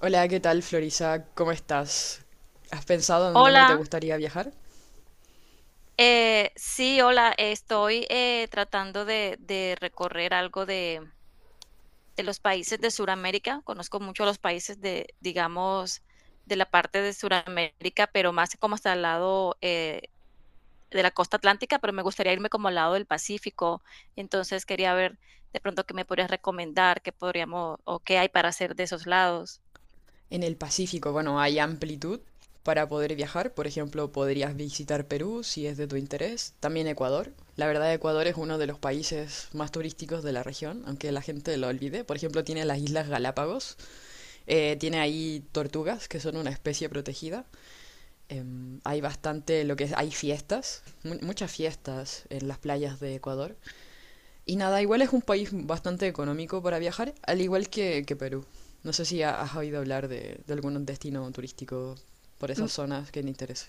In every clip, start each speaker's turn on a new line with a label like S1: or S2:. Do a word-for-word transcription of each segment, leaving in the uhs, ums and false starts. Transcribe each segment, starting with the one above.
S1: Hola, ¿qué tal, Florisa? ¿Cómo estás? ¿Has pensado en dónde te
S2: Hola,
S1: gustaría viajar?
S2: eh, sí, hola, estoy eh, tratando de, de recorrer algo de, de los países de Sudamérica. Conozco mucho los países de, digamos, de la parte de Sudamérica, pero más como hasta el lado eh, de la costa atlántica, pero me gustaría irme como al lado del Pacífico. Entonces quería ver de pronto qué me podrías recomendar, qué podríamos o qué hay para hacer de esos lados.
S1: En el Pacífico, bueno, hay amplitud para poder viajar. Por ejemplo, podrías visitar Perú si es de tu interés. También Ecuador. La verdad, Ecuador es uno de los países más turísticos de la región, aunque la gente lo olvide. Por ejemplo, tiene las Islas Galápagos. eh, tiene ahí tortugas, que son una especie protegida. Em, hay bastante lo que es, hay fiestas, mu- muchas fiestas en las playas de Ecuador. Y nada, igual es un país bastante económico para viajar, al igual que, que Perú. No sé si ha- has oído hablar de, de algún destino turístico por esas zonas que te interese.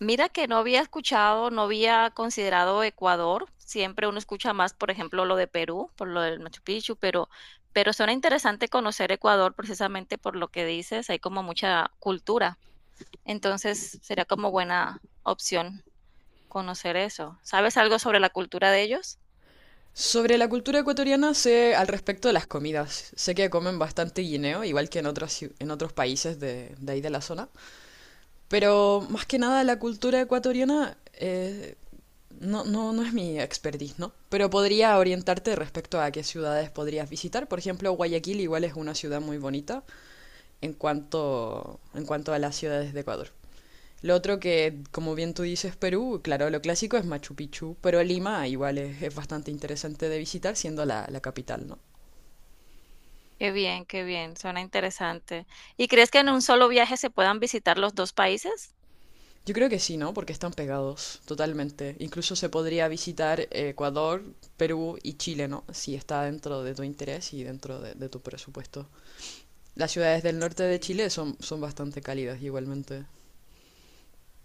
S2: Mira que no había escuchado, no había considerado Ecuador. Siempre uno escucha más, por ejemplo, lo de Perú, por lo del Machu Picchu, pero, pero suena interesante conocer Ecuador precisamente por lo que dices, hay como mucha cultura. Entonces, sería como buena opción conocer eso. ¿Sabes algo sobre la cultura de ellos?
S1: Sobre la cultura ecuatoriana sé al respecto de las comidas. Sé que comen bastante guineo, igual que en otras, ciu- en otros países de, de ahí de la zona. Pero más que nada la cultura ecuatoriana eh, no, no, no es mi expertise, ¿no? Pero podría orientarte respecto a qué ciudades podrías visitar. Por ejemplo, Guayaquil igual es una ciudad muy bonita, en cuanto, en cuanto a las ciudades de Ecuador. Lo otro que, como bien tú dices, Perú, claro, lo clásico es Machu Picchu, pero Lima igual es, es bastante interesante de visitar siendo la, la capital, ¿no?
S2: Qué bien, qué bien, suena interesante. ¿Y crees que en un solo viaje se puedan visitar los dos países?
S1: Yo creo que sí, ¿no? Porque están pegados totalmente. Incluso se podría visitar eh, Ecuador, Perú y Chile, ¿no? Si está dentro de tu interés y dentro de, de tu presupuesto. Las ciudades del norte de
S2: Sí.
S1: Chile son, son bastante cálidas igualmente.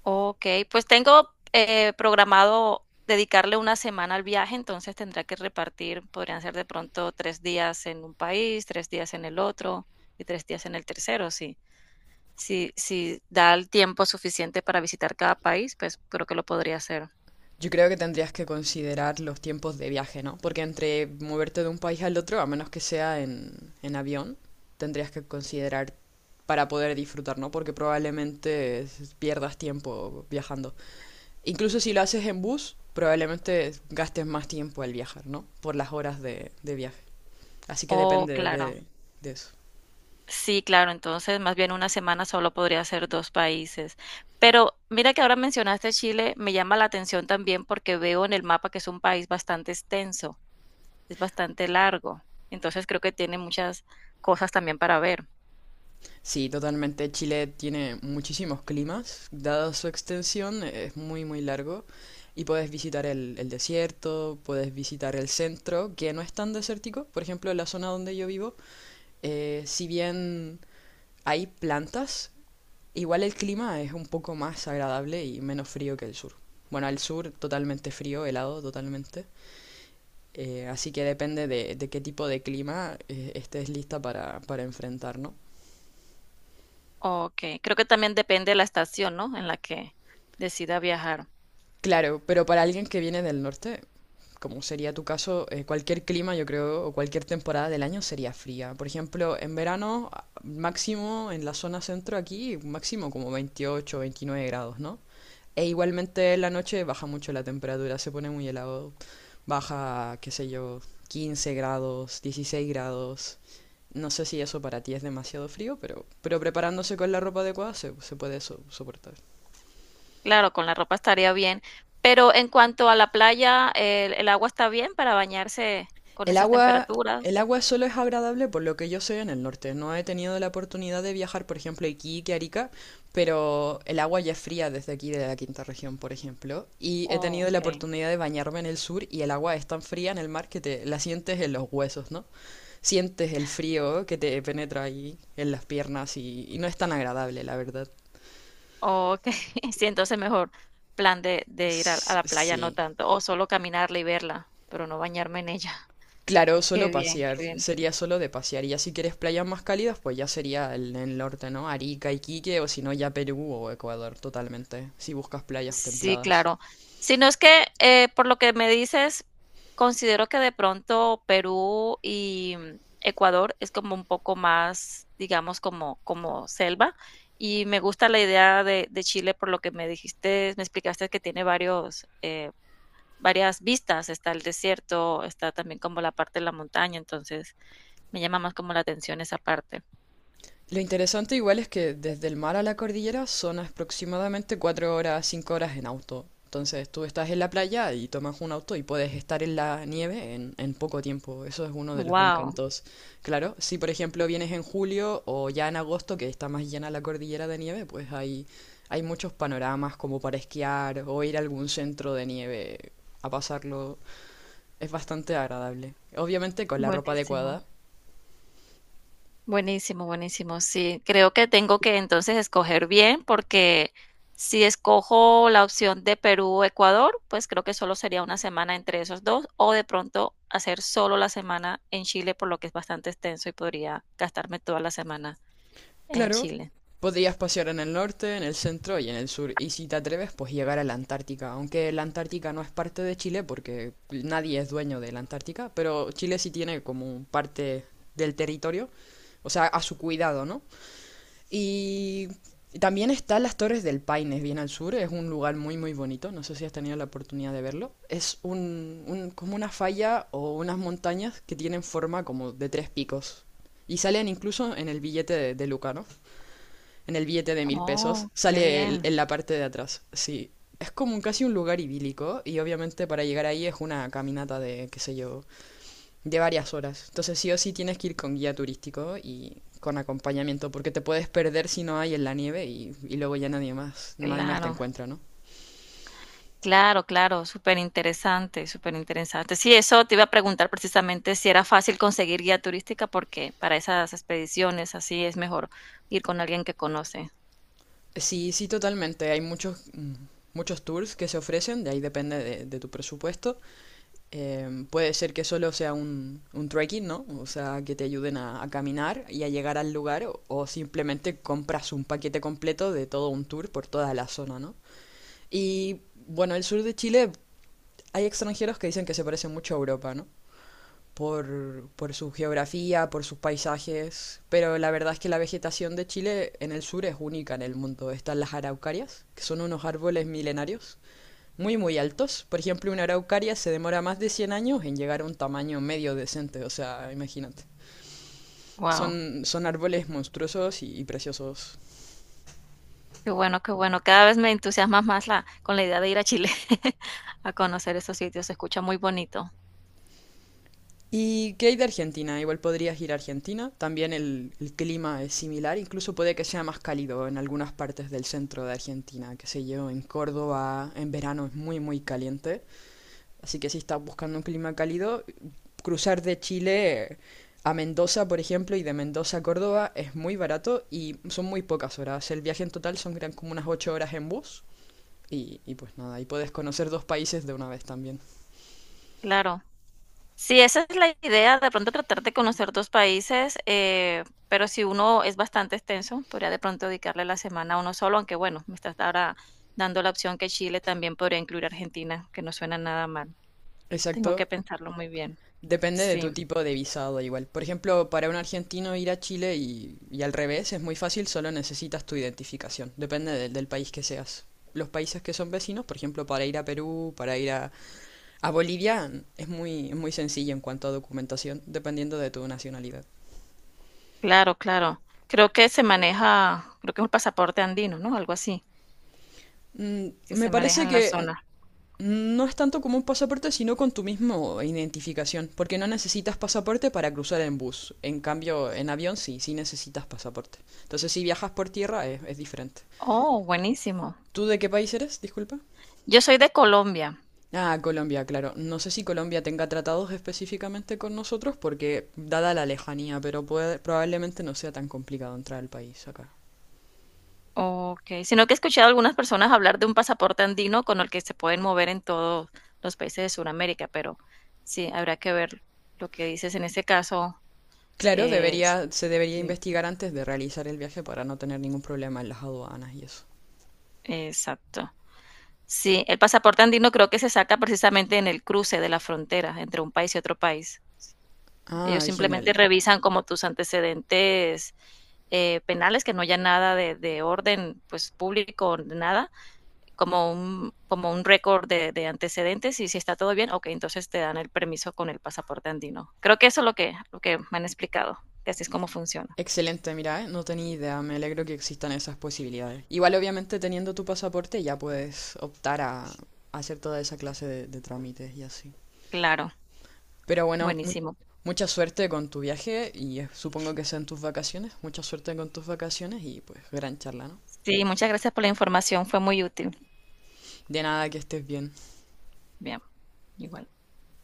S2: Okey, pues tengo, eh, programado dedicarle una semana al viaje, entonces tendrá que repartir, podrían ser de pronto tres días en un país, tres días en el otro y tres días en el tercero. Si si si da el tiempo suficiente para visitar cada país, pues creo que lo podría hacer.
S1: Yo creo que tendrías que considerar los tiempos de viaje, ¿no? Porque entre moverte de un país al otro, a menos que sea en, en avión, tendrías que considerar para poder disfrutar, ¿no? Porque probablemente s- pierdas tiempo viajando. Incluso si lo haces en bus, probablemente gastes más tiempo al viajar, ¿no? Por las horas de, de viaje. Así que
S2: Oh,
S1: depende
S2: claro.
S1: de, de eso.
S2: Sí, claro, entonces más bien una semana solo podría ser dos países. Pero mira que ahora mencionaste Chile, me llama la atención también porque veo en el mapa que es un país bastante extenso, es bastante largo. Entonces creo que tiene muchas cosas también para ver.
S1: Sí, totalmente. Chile tiene muchísimos climas. Dada su extensión, es muy, muy largo. Y puedes visitar el, el desierto, puedes visitar el centro, que no es tan desértico. Por ejemplo, en la zona donde yo vivo, eh, si bien hay plantas, igual el clima es un poco más agradable y menos frío que el sur. Bueno, el sur totalmente frío, helado totalmente. Eh, así que depende de, de qué tipo de clima eh, estés lista para, para enfrentar, ¿no?
S2: Okey, creo que también depende de la estación, ¿no?, en la que decida viajar.
S1: Claro, pero para alguien que viene del norte como sería tu caso, eh, cualquier clima, yo creo, o cualquier temporada del año sería fría. Por ejemplo, en verano, máximo en la zona centro aquí, máximo como veintiocho, veintinueve grados, ¿no? E igualmente en la noche baja mucho la temperatura, se pone muy helado. Baja, qué sé yo, quince grados, dieciséis grados. No sé si eso para ti es demasiado frío, pero, pero preparándose con la ropa adecuada se, se puede so- soportar.
S2: Claro, con la ropa estaría bien, pero en cuanto a la playa, ¿el el agua está bien para bañarse con
S1: El
S2: esas
S1: agua, el
S2: temperaturas?
S1: agua solo es agradable por lo que yo sé en el norte. No he tenido la oportunidad de viajar, por ejemplo, a Iquique, Arica, pero el agua ya es fría desde aquí, de la quinta región, por ejemplo. Y he tenido la
S2: Okey,
S1: oportunidad de bañarme en el sur y el agua es tan fría en el mar que te la sientes en los huesos, ¿no? Sientes el frío que te penetra ahí en las piernas y, y no es tan agradable, la verdad.
S2: okey. Sí, entonces mejor plan de de ir a a
S1: S-
S2: la playa, no
S1: Sí.
S2: tanto, o solo caminarla y verla, pero no bañarme en ella.
S1: Claro,
S2: Qué
S1: solo
S2: bien,
S1: pasear,
S2: qué bien.
S1: sería solo de pasear. Y ya si quieres playas más cálidas, pues ya sería el, el norte, ¿no? Arica, Iquique, o si no, ya Perú o Ecuador, totalmente, si buscas playas
S2: Sí,
S1: templadas.
S2: claro. Si no es que, eh, por lo que me dices, considero que de pronto Perú y mm, Ecuador es como un poco más, digamos, como, como selva. Y me gusta la idea de, de Chile por lo que me dijiste, me explicaste que tiene varios, eh, varias vistas. Está el desierto, está también como la parte de la montaña, entonces me llama más como la atención esa parte.
S1: Lo interesante igual es que desde el mar a la cordillera son aproximadamente cuatro horas, cinco horas en auto. Entonces tú estás en la playa y tomas un auto y puedes estar en la nieve en, en poco tiempo. Eso es uno de los
S2: Wow,
S1: encantos. Claro, si por ejemplo vienes en julio o ya en agosto que está más llena la cordillera de nieve, pues hay, hay muchos panoramas como para esquiar o ir a algún centro de nieve a pasarlo. Es bastante agradable. Obviamente con la ropa
S2: buenísimo.
S1: adecuada.
S2: Buenísimo, buenísimo. Sí, creo que tengo que entonces escoger bien porque si escojo la opción de Perú-Ecuador, o Ecuador, pues creo que solo sería una semana entre esos dos o de pronto hacer solo la semana en Chile, por lo que es bastante extenso y podría gastarme toda la semana en
S1: Claro,
S2: Chile.
S1: podrías pasear en el norte, en el centro y en el sur, y si te atreves, pues llegar a la Antártica, aunque la Antártica no es parte de Chile porque nadie es dueño de la Antártica, pero Chile sí tiene como parte del territorio, o sea, a su cuidado, ¿no? Y también están las Torres del Paine, bien al sur, es un lugar muy muy bonito, no sé si has tenido la oportunidad de verlo. Es un, un- como una falla o unas montañas que tienen forma como de tres picos. Y salen incluso en el billete de, de Luca, ¿no? En el billete de mil pesos,
S2: Oh, qué
S1: sale el-
S2: bien.
S1: en la parte de atrás. Sí, es como un, casi un lugar idílico y obviamente para llegar ahí es una caminata de, qué sé yo, de varias horas. Entonces sí o sí tienes que ir con guía turístico y con acompañamiento porque te puedes perder si no hay en la nieve y, y luego ya nadie más, nadie más te
S2: Claro.
S1: encuentra, ¿no?
S2: Claro, claro, súper interesante, superinteresante, interesante. Sí, eso te iba a preguntar precisamente si era fácil conseguir guía turística, porque para esas expediciones así es mejor ir con alguien que conoce.
S1: Sí, sí, totalmente. Hay muchos, mm, muchos tours que se ofrecen, de ahí depende de, de tu presupuesto. Eh, puede ser que solo sea un, un trekking, ¿no? O sea, que te ayuden a, a caminar y a llegar al lugar o, o simplemente compras un paquete completo de todo un tour por toda la zona, ¿no? Y bueno, el sur de Chile hay extranjeros que dicen que se parece mucho a Europa, ¿no? Por, por su geografía, por sus paisajes, pero la verdad es que la vegetación de Chile en el sur es única en el mundo. Están las araucarias, que son unos árboles milenarios muy muy altos. Por ejemplo, una araucaria se demora más de cien años en llegar a un tamaño medio decente, o sea, imagínate.
S2: Wow,
S1: Son, son árboles monstruosos y, y preciosos.
S2: qué bueno, qué bueno. Cada vez me entusiasmas más la, con la idea de ir a Chile a conocer esos sitios. Se escucha muy bonito.
S1: ¿Y qué hay de Argentina? Igual podrías ir a Argentina. También el, el clima es similar, incluso puede que sea más cálido en algunas partes del centro de Argentina, qué sé yo, en Córdoba en verano es muy muy caliente. Así que si estás buscando un clima cálido, cruzar de Chile a Mendoza, por ejemplo, y de Mendoza a Córdoba es muy barato y son muy pocas horas. El viaje en total son eran como unas ocho horas en bus y, y pues nada, y puedes conocer dos países de una vez también.
S2: Claro. Sí, esa es la idea, de pronto tratar de conocer dos países, eh, pero si uno es bastante extenso, podría de pronto dedicarle la semana a uno solo, aunque bueno, me estás ahora dando la opción que Chile también podría incluir Argentina, que no suena nada mal. Tengo que
S1: Exacto.
S2: pensarlo muy bien.
S1: Depende de tu
S2: Sí,
S1: tipo de visado igual. Por ejemplo, para un argentino ir a Chile y, y al revés es muy fácil, solo necesitas tu identificación. Depende del del país que seas. Los países que son vecinos, por ejemplo, para ir a Perú, para ir a, A Bolivia mm, es muy, muy sencillo en cuanto a documentación, dependiendo de tu nacionalidad.
S2: claro, claro. Creo que se maneja, creo que es un pasaporte andino, ¿no? Algo así,
S1: Mm,
S2: que
S1: Me
S2: se maneja
S1: parece
S2: en la
S1: que
S2: zona.
S1: no es tanto como un pasaporte, sino con tu misma identificación, porque no necesitas pasaporte para cruzar en bus. En cambio, en avión sí, sí necesitas pasaporte. Entonces, si viajas por tierra es, es diferente.
S2: Oh, buenísimo.
S1: ¿Tú de qué país eres? Disculpa.
S2: Yo soy de Colombia.
S1: Ah, Colombia, claro. No sé si Colombia tenga tratados específicamente con nosotros, porque dada la lejanía, pero puede- probablemente no sea tan complicado entrar al país acá.
S2: Ok, sino que he escuchado a algunas personas hablar de un pasaporte andino con el que se pueden mover en todos los países de Sudamérica, pero sí, habrá que ver lo que dices en ese caso,
S1: Claro,
S2: es
S1: debería, se debería
S2: sí,
S1: investigar antes de realizar el viaje para no tener ningún problema en las aduanas y eso.
S2: exacto. Sí, el pasaporte andino creo que se saca precisamente en el cruce de la frontera entre un país y otro país. Ellos
S1: Ah,
S2: simplemente
S1: genial.
S2: revisan como tus antecedentes, eh, penales, que no haya nada de de orden, pues, público, nada, como un, como un récord de, de, antecedentes y si está todo bien, ok, entonces te dan el permiso con el pasaporte andino. Creo que eso es lo que, lo que me han explicado, que así es como funciona.
S1: Excelente, mira, ¿eh? No tenía idea, me alegro que existan esas posibilidades. Igual, obviamente, teniendo tu pasaporte ya puedes optar a, a hacer toda esa clase de, de trámites y así.
S2: Claro,
S1: Pero bueno, mu-
S2: buenísimo.
S1: mucha suerte con tu viaje y eh, supongo que sean tus vacaciones. Mucha suerte con tus vacaciones y pues gran charla, ¿no?
S2: Sí, muchas gracias por la información, fue muy útil.
S1: De nada, que estés bien.
S2: Bien, igual.